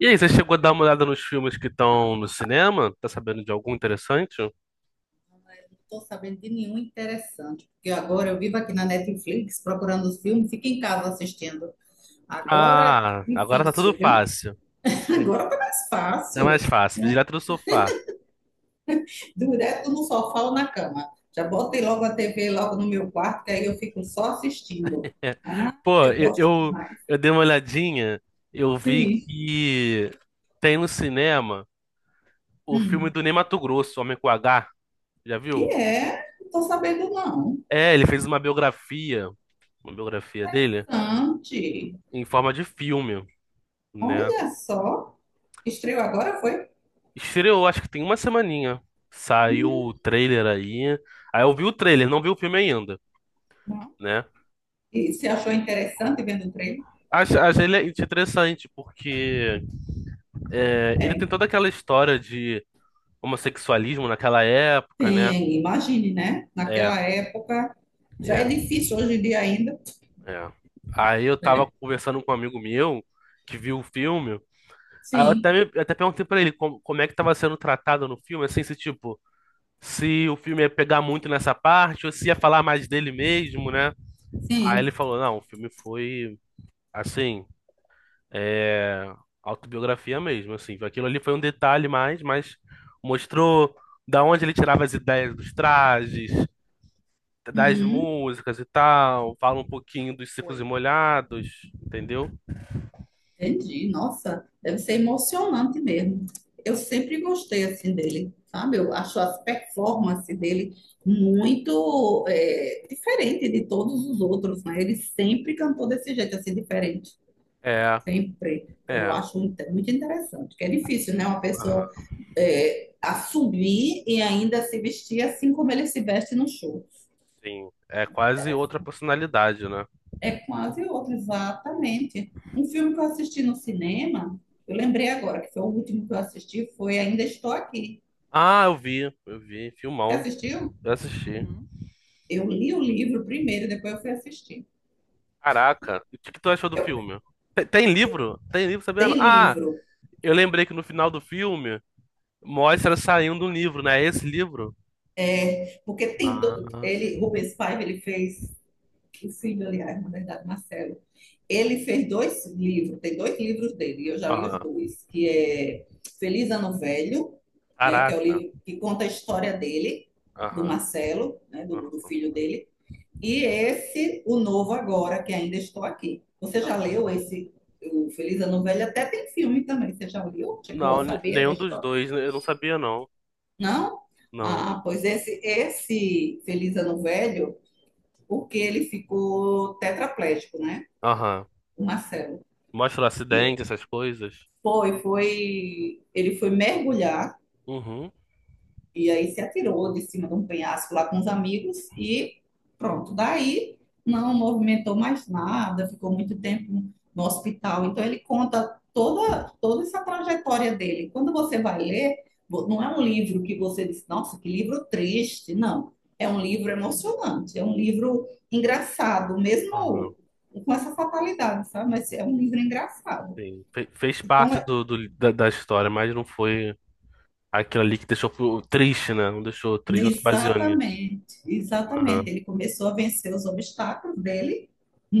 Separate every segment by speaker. Speaker 1: E aí, você chegou a dar uma olhada nos filmes que estão no cinema? Tá sabendo de algum interessante?
Speaker 2: Estou sabendo de nenhum interessante, porque agora eu vivo aqui na Netflix procurando os filmes, fico em casa assistindo. Agora é
Speaker 1: Ah, agora tá tudo
Speaker 2: difícil, viu?
Speaker 1: fácil. É,
Speaker 2: Agora tá mais
Speaker 1: tá
Speaker 2: fácil.
Speaker 1: mais fácil,
Speaker 2: Hum,
Speaker 1: direto do sofá.
Speaker 2: Direto no sofá ou na cama. Já botei logo a TV logo no meu quarto, que aí eu fico só assistindo.
Speaker 1: É.
Speaker 2: Ah,
Speaker 1: Pô,
Speaker 2: eu
Speaker 1: eu,
Speaker 2: gosto
Speaker 1: eu,
Speaker 2: demais.
Speaker 1: eu dei uma olhadinha, eu vi
Speaker 2: Sim.
Speaker 1: que tem no cinema o filme
Speaker 2: Hum.
Speaker 1: do Ney Matogrosso, Homem com H, já
Speaker 2: E
Speaker 1: viu?
Speaker 2: é, não tô sabendo não.
Speaker 1: É, ele fez uma biografia dele,
Speaker 2: Sante,
Speaker 1: em forma de filme, né?
Speaker 2: olha só. Estreou agora, foi?
Speaker 1: Estreou, acho que tem uma semaninha. Saiu
Speaker 2: Hum,
Speaker 1: o trailer aí. Aí eu vi o trailer, não vi o filme ainda,
Speaker 2: não.
Speaker 1: né?
Speaker 2: E se achou interessante vendo o trailer?
Speaker 1: Acho, acho ele interessante porque ele tem
Speaker 2: É.
Speaker 1: toda aquela história de homossexualismo naquela época, né?
Speaker 2: Tem, imagine, né?
Speaker 1: É,
Speaker 2: Naquela época já é
Speaker 1: é,
Speaker 2: difícil hoje em dia ainda,
Speaker 1: é. Aí eu tava
Speaker 2: né?
Speaker 1: conversando com um amigo meu que viu o filme. Aí eu
Speaker 2: Sim,
Speaker 1: até, eu até perguntei pra ele como, como é que tava sendo tratado no filme, assim, se tipo, se o filme ia pegar muito nessa parte ou se ia falar mais dele mesmo, né? Aí ele
Speaker 2: sim.
Speaker 1: falou, não, o filme foi assim, é, autobiografia mesmo, assim, aquilo ali foi um detalhe mais, mas mostrou da onde ele tirava as ideias dos trajes, das
Speaker 2: Hum,
Speaker 1: músicas e tal, fala um pouquinho dos secos e Foi. Molhados, entendeu?
Speaker 2: entendi. Nossa, deve ser emocionante mesmo. Eu sempre gostei assim dele, sabe? Eu acho as performances dele muito diferente de todos os outros, né? Ele sempre cantou desse jeito assim diferente.
Speaker 1: É,
Speaker 2: Sempre. Então, eu
Speaker 1: é,
Speaker 2: acho muito, muito interessante, que é difícil, né? Uma pessoa
Speaker 1: aham,
Speaker 2: assumir e ainda se vestir assim como ele se veste no show.
Speaker 1: sim, é
Speaker 2: Muito
Speaker 1: quase
Speaker 2: interessante.
Speaker 1: outra personalidade, né?
Speaker 2: É quase outro, exatamente. Um filme que eu assisti no cinema, eu lembrei agora, que foi o último que eu assisti, foi Ainda Estou Aqui.
Speaker 1: Ah, eu vi,
Speaker 2: Você
Speaker 1: filmão,
Speaker 2: assistiu?
Speaker 1: eu assisti. Uhum.
Speaker 2: Eu li o livro primeiro, depois eu fui assistir.
Speaker 1: Caraca, e o que que tu achou do
Speaker 2: Eu
Speaker 1: filme? Tem, tem livro? Tem livro, sabendo?
Speaker 2: tem
Speaker 1: Ah,
Speaker 2: livro,
Speaker 1: eu lembrei que no final do filme mostra saindo um livro, né? Esse livro?
Speaker 2: porque tem
Speaker 1: Ah,
Speaker 2: ele, Rubens Paiva, ele fez o filho, aliás, na verdade, Marcelo. Ele fez dois livros, tem dois livros dele, e eu já li os
Speaker 1: aham.
Speaker 2: dois, que é Feliz Ano Velho, né, que é o
Speaker 1: Caraca.
Speaker 2: livro que conta a história dele, do
Speaker 1: Aham.
Speaker 2: Marcelo, né, do filho dele, e esse, o novo agora, que ainda estou aqui. Você já
Speaker 1: Aham.
Speaker 2: leu esse, o Feliz Ano Velho? Até tem filme também, você já leu? Chegou
Speaker 1: Não,
Speaker 2: a saber da
Speaker 1: nenhum dos
Speaker 2: história?
Speaker 1: dois. Né? Eu não sabia, não.
Speaker 2: Não?
Speaker 1: Não.
Speaker 2: Ah, pois esse Feliz Ano Velho, porque ele ficou tetraplégico, né?
Speaker 1: Aham.
Speaker 2: O Marcelo.
Speaker 1: Mostra o
Speaker 2: E
Speaker 1: acidente, essas coisas.
Speaker 2: foi, foi. Ele foi mergulhar
Speaker 1: Uhum.
Speaker 2: e aí se atirou de cima de um penhasco lá com os amigos e pronto. Daí não movimentou mais nada, ficou muito tempo no hospital. Então ele conta toda, toda essa trajetória dele. Quando você vai ler, não é um livro que você diz, nossa, que livro triste. Não. É um
Speaker 1: Sim.
Speaker 2: livro emocionante, é um livro engraçado,
Speaker 1: Aham.
Speaker 2: mesmo com essa fatalidade, sabe? Mas é um livro engraçado.
Speaker 1: Sim. Fez
Speaker 2: Então
Speaker 1: parte do, da, da história, mas não foi aquilo ali que deixou triste, né? Não deixou triste, não se baseou nisso.
Speaker 2: exatamente, exatamente.
Speaker 1: Aham.
Speaker 2: Ele começou a vencer os obstáculos dele.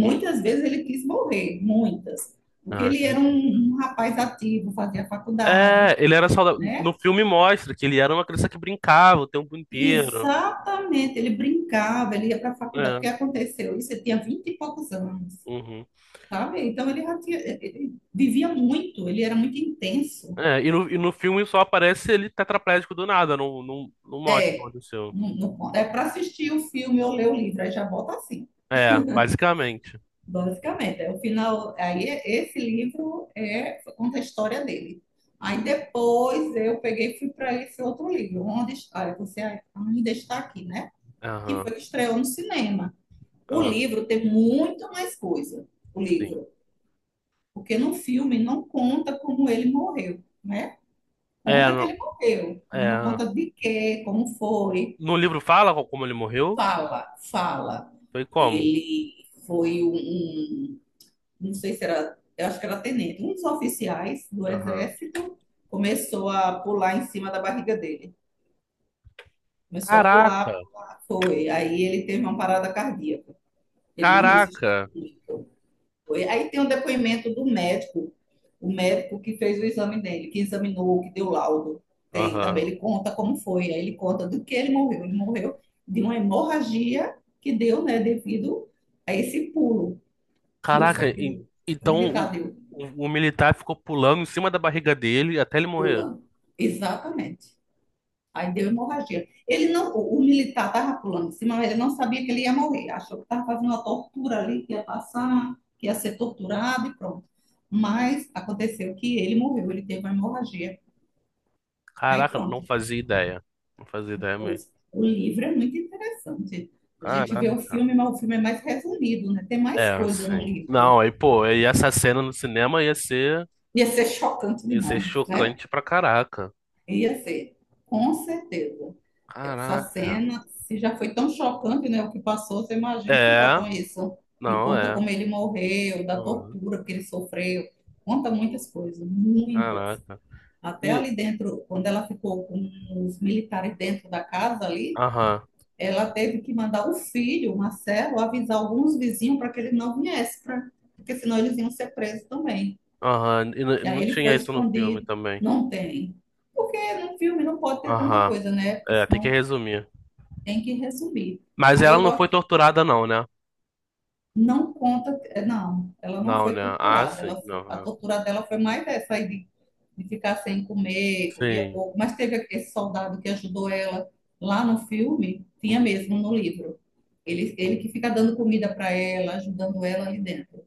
Speaker 1: Uhum.
Speaker 2: vezes ele quis morrer, muitas, porque
Speaker 1: Ah,
Speaker 2: ele era
Speaker 1: acredito.
Speaker 2: um rapaz ativo, fazia faculdade,
Speaker 1: É, ele era saudável. No
Speaker 2: né?
Speaker 1: filme mostra que ele era uma criança que brincava o tempo inteiro.
Speaker 2: Exatamente, ele brincava, ele ia para a faculdade, porque
Speaker 1: É,
Speaker 2: aconteceu isso, ele tinha 20 e poucos anos,
Speaker 1: uhum.
Speaker 2: sabe? Então ele já tinha, ele vivia muito, ele era muito intenso.
Speaker 1: É, e no filme só aparece ele tetraplégico do nada, não, não, não mostra o que aconteceu.
Speaker 2: No, no, é para assistir o filme ou ler o livro, aí já bota assim.
Speaker 1: É, basicamente.
Speaker 2: Basicamente, é o final. Esse livro é conta a história dele. Aí depois eu peguei e fui para esse outro livro, onde está, você ainda está aqui, né? Que
Speaker 1: Aham,
Speaker 2: foi que estreou no cinema. O
Speaker 1: aham,
Speaker 2: livro tem muito mais coisa, o
Speaker 1: sim.
Speaker 2: livro, porque no filme não conta como ele morreu, né?
Speaker 1: É,
Speaker 2: Conta que
Speaker 1: no,
Speaker 2: ele morreu,
Speaker 1: é,
Speaker 2: mas não conta de quê, como foi.
Speaker 1: no livro fala como ele morreu?
Speaker 2: Fala, fala.
Speaker 1: Foi como?
Speaker 2: Ele foi não sei se era, eu acho que era tenente, um dos oficiais do
Speaker 1: Aham.
Speaker 2: exército começou a pular em cima da barriga dele. Começou a
Speaker 1: Caraca,
Speaker 2: pular, foi. Aí ele teve uma parada cardíaca. Ele não resistiu
Speaker 1: caraca.
Speaker 2: muito. Foi. Aí tem um depoimento do médico, o médico que fez o exame dele, que examinou, que deu laudo. Tem
Speaker 1: Aham.
Speaker 2: também, ele conta como foi, aí ele conta do que ele morreu. Ele morreu de uma hemorragia que deu, né, devido a esse pulo que
Speaker 1: Caraca,
Speaker 2: que
Speaker 1: e-
Speaker 2: o
Speaker 1: então
Speaker 2: militar deu.
Speaker 1: o militar ficou pulando em cima da barriga dele até ele morrer.
Speaker 2: Pulando. Exatamente. Aí deu hemorragia. Ele não, o militar estava pulando em cima, mas ele não sabia que ele ia morrer. Achou que estava fazendo uma tortura ali, que ia passar, que ia ser torturado e pronto. Mas aconteceu que ele morreu, ele teve uma hemorragia. Aí
Speaker 1: Caraca, não
Speaker 2: pronto.
Speaker 1: fazia ideia. Não fazia ideia mesmo.
Speaker 2: Pois, o livro é muito interessante. A gente vê o
Speaker 1: Caraca.
Speaker 2: filme, mas o filme é mais resumido, né? Tem
Speaker 1: É,
Speaker 2: mais coisa no
Speaker 1: assim.
Speaker 2: livro.
Speaker 1: Não, aí, pô, aí essa cena no cinema
Speaker 2: Ia ser chocante
Speaker 1: ia ser
Speaker 2: demais, né?
Speaker 1: chocante pra caraca.
Speaker 2: Ia ser, com certeza. Essa
Speaker 1: Caraca.
Speaker 2: cena, se já foi tão chocante, né, o que passou, você imagina se
Speaker 1: É,
Speaker 2: botam isso e
Speaker 1: não,
Speaker 2: conta
Speaker 1: é.
Speaker 2: como ele morreu, da
Speaker 1: Aham.
Speaker 2: tortura que ele sofreu, conta muitas coisas, muitas.
Speaker 1: Caraca.
Speaker 2: Até
Speaker 1: E,
Speaker 2: ali dentro, quando ela ficou com os militares dentro da casa ali,
Speaker 1: aham,
Speaker 2: ela teve que mandar o filho, o Marcelo, avisar alguns vizinhos para que ele não viesse, pra, porque senão eles iam ser presos também.
Speaker 1: aham. E
Speaker 2: E aí
Speaker 1: não
Speaker 2: ele
Speaker 1: tinha
Speaker 2: foi
Speaker 1: isso no filme
Speaker 2: escondido,
Speaker 1: também.
Speaker 2: não tem. Porque no filme não pode ter tanta
Speaker 1: Aham.
Speaker 2: coisa, né? Porque
Speaker 1: É, tem que
Speaker 2: senão
Speaker 1: resumir.
Speaker 2: tem que resumir.
Speaker 1: Mas
Speaker 2: Aí
Speaker 1: ela
Speaker 2: eu
Speaker 1: não foi
Speaker 2: gosto,
Speaker 1: torturada, não, né?
Speaker 2: não conta, não, ela não
Speaker 1: Não,
Speaker 2: foi
Speaker 1: né? Ah,
Speaker 2: torturada,
Speaker 1: sim. Não,
Speaker 2: a
Speaker 1: é.
Speaker 2: tortura dela foi mais essa aí de ficar sem comer, comia
Speaker 1: Sim.
Speaker 2: pouco, mas teve esse soldado que ajudou ela lá no filme, tinha
Speaker 1: Uhum.
Speaker 2: mesmo no livro. Ele que fica dando comida para ela, ajudando ela ali dentro.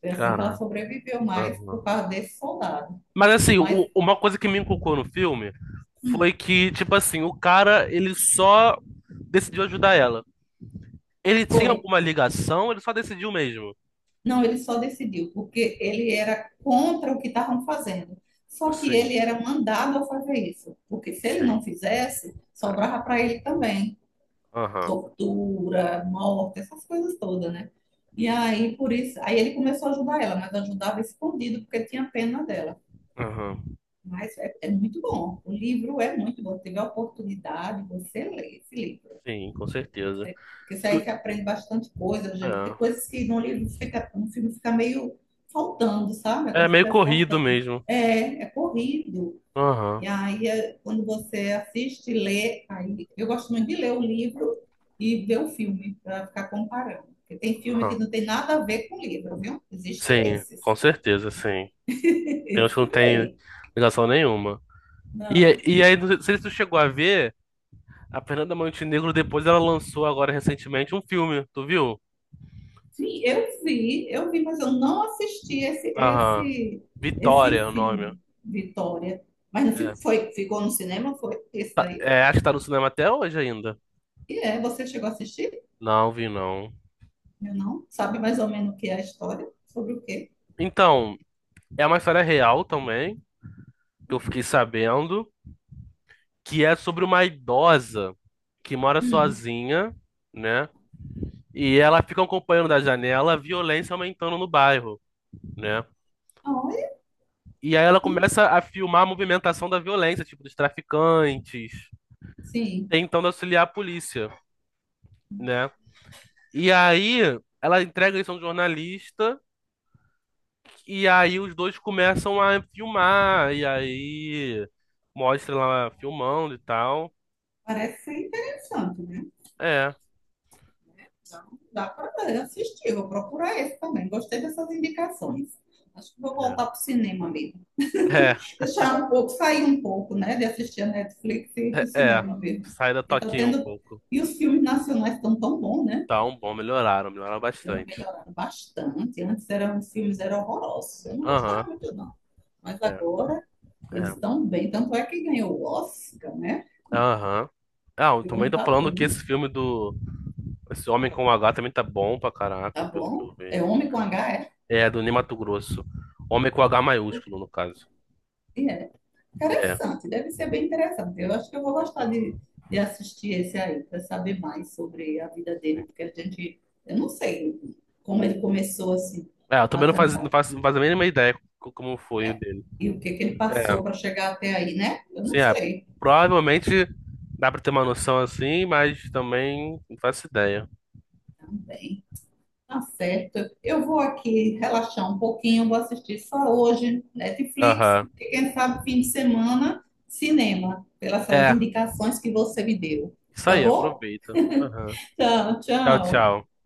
Speaker 2: Foi assim que ela
Speaker 1: Caraca.
Speaker 2: sobreviveu mais por causa desse soldado.
Speaker 1: Mas assim,
Speaker 2: Mas
Speaker 1: o- uma coisa que me inculcou no filme
Speaker 2: hum,
Speaker 1: foi que, tipo assim, o cara, ele só decidiu ajudar ela. Ele tinha
Speaker 2: foi,
Speaker 1: alguma ligação, ele só decidiu mesmo.
Speaker 2: não, ele só decidiu, porque ele era contra o que estavam fazendo. Só que
Speaker 1: Sim,
Speaker 2: ele era mandado a fazer isso, porque se ele
Speaker 1: sim,
Speaker 2: não fizesse,
Speaker 1: é.
Speaker 2: sobrava para ele também
Speaker 1: Aham,
Speaker 2: tortura, morte, essas coisas todas, né? E aí, por isso, aí ele começou a ajudar ela, mas ajudava escondido, porque tinha pena dela.
Speaker 1: aham.
Speaker 2: Mas é muito bom. O livro é muito bom. Teve a oportunidade, você lê esse livro.
Speaker 1: Sim, com certeza.
Speaker 2: Porque isso aí
Speaker 1: Tu-
Speaker 2: você aprende bastante coisa, gente.
Speaker 1: é.
Speaker 2: Tem coisas que no livro fica, no filme fica meio faltando, sabe? É
Speaker 1: É
Speaker 2: como se
Speaker 1: meio
Speaker 2: estivesse
Speaker 1: corrido
Speaker 2: faltando.
Speaker 1: mesmo.
Speaker 2: É, é corrido.
Speaker 1: Aham,
Speaker 2: E aí, quando você assiste e lê, aí eu gosto muito de ler o livro e ver o filme, para ficar comparando. Porque tem filme
Speaker 1: aham.
Speaker 2: que não tem nada a ver com o livro, viu? Existe
Speaker 1: Sim, com
Speaker 2: esses.
Speaker 1: certeza, sim. Tem uns que não
Speaker 2: Esses
Speaker 1: tem
Speaker 2: aí.
Speaker 1: ligação nenhuma. E,
Speaker 2: Não.
Speaker 1: e aí, não sei se tu chegou a ver, a Fernanda Montenegro depois ela lançou agora recentemente um filme, tu viu?
Speaker 2: Sim, eu vi, mas eu não assisti esse,
Speaker 1: Aham. Vitória é
Speaker 2: esse
Speaker 1: o nome.
Speaker 2: filme, Vitória. Mas
Speaker 1: É.
Speaker 2: foi, ficou no cinema, foi esse
Speaker 1: Tá-
Speaker 2: daí?
Speaker 1: é, acho que tá no cinema até hoje ainda.
Speaker 2: E é, você chegou a assistir?
Speaker 1: Não vi, não.
Speaker 2: Eu não. Sabe mais ou menos o que é a história? Sobre o quê?
Speaker 1: Então, é uma história real também, que eu fiquei sabendo, que é sobre uma idosa que mora
Speaker 2: Hum.
Speaker 1: sozinha, né? E ela fica acompanhando da janela a violência aumentando no bairro, né?
Speaker 2: Olha,
Speaker 1: E aí ela começa a filmar a movimentação da violência, tipo, dos traficantes,
Speaker 2: sim,
Speaker 1: tentando auxiliar a polícia, né? E aí ela entrega isso a um jornalista. E aí os dois começam a filmar, e aí mostra lá filmando e tal.
Speaker 2: parece ser interessante, né?
Speaker 1: É,
Speaker 2: Então, dá para assistir, vou procurar esse também. Gostei dessas indicações. Acho que vou
Speaker 1: é,
Speaker 2: voltar para o cinema mesmo,
Speaker 1: é,
Speaker 2: deixar um pouco, sair um pouco, né, de assistir a Netflix e ir para o
Speaker 1: é, é.
Speaker 2: cinema mesmo.
Speaker 1: Sai da
Speaker 2: E tá
Speaker 1: toquinha um
Speaker 2: tendo
Speaker 1: pouco.
Speaker 2: e os filmes nacionais estão tão bons, né?
Speaker 1: Tá um bom, melhoraram, melhoraram
Speaker 2: Então,
Speaker 1: bastante.
Speaker 2: melhoraram bastante. Antes eram os filmes eram horrorosos. Eu não
Speaker 1: Aham,
Speaker 2: gostava muito não. Mas
Speaker 1: é,
Speaker 2: agora eles
Speaker 1: é,
Speaker 2: estão bem. Tanto é que ganhou o Oscar, né?
Speaker 1: aham. Ah, eu
Speaker 2: E
Speaker 1: também
Speaker 2: como
Speaker 1: tô
Speaker 2: tá
Speaker 1: falando que
Speaker 2: bom,
Speaker 1: esse filme do... Esse Homem com H também tá bom pra
Speaker 2: tá
Speaker 1: caraca, pelo que
Speaker 2: bom.
Speaker 1: eu vi.
Speaker 2: É homem com H, é.
Speaker 1: É, do Ney Matogrosso. Homem com H maiúsculo, no caso.
Speaker 2: E é.
Speaker 1: É,
Speaker 2: Interessante, deve ser bem interessante. Eu acho que eu vou gostar de assistir esse aí, para saber mais sobre a vida dele, porque a gente, eu não sei como ele começou assim
Speaker 1: é, eu
Speaker 2: a
Speaker 1: também
Speaker 2: cantar,
Speaker 1: não faço a mínima ideia como foi o
Speaker 2: né?
Speaker 1: dele.
Speaker 2: E o que que ele
Speaker 1: É.
Speaker 2: passou para chegar até aí, né? Eu
Speaker 1: Sim,
Speaker 2: não
Speaker 1: é.
Speaker 2: sei.
Speaker 1: Provavelmente dá pra ter uma noção assim, mas também não faço ideia.
Speaker 2: Bem, tá certo. Eu vou aqui relaxar um pouquinho, vou assistir só hoje Netflix,
Speaker 1: Aham.
Speaker 2: porque quem sabe fim de semana, cinema, pelas essas
Speaker 1: É,
Speaker 2: indicações que você me deu.
Speaker 1: isso
Speaker 2: Tá
Speaker 1: aí,
Speaker 2: bom?
Speaker 1: aproveita. Aham.
Speaker 2: Tchau,
Speaker 1: Tchau,
Speaker 2: tchau.
Speaker 1: tchau.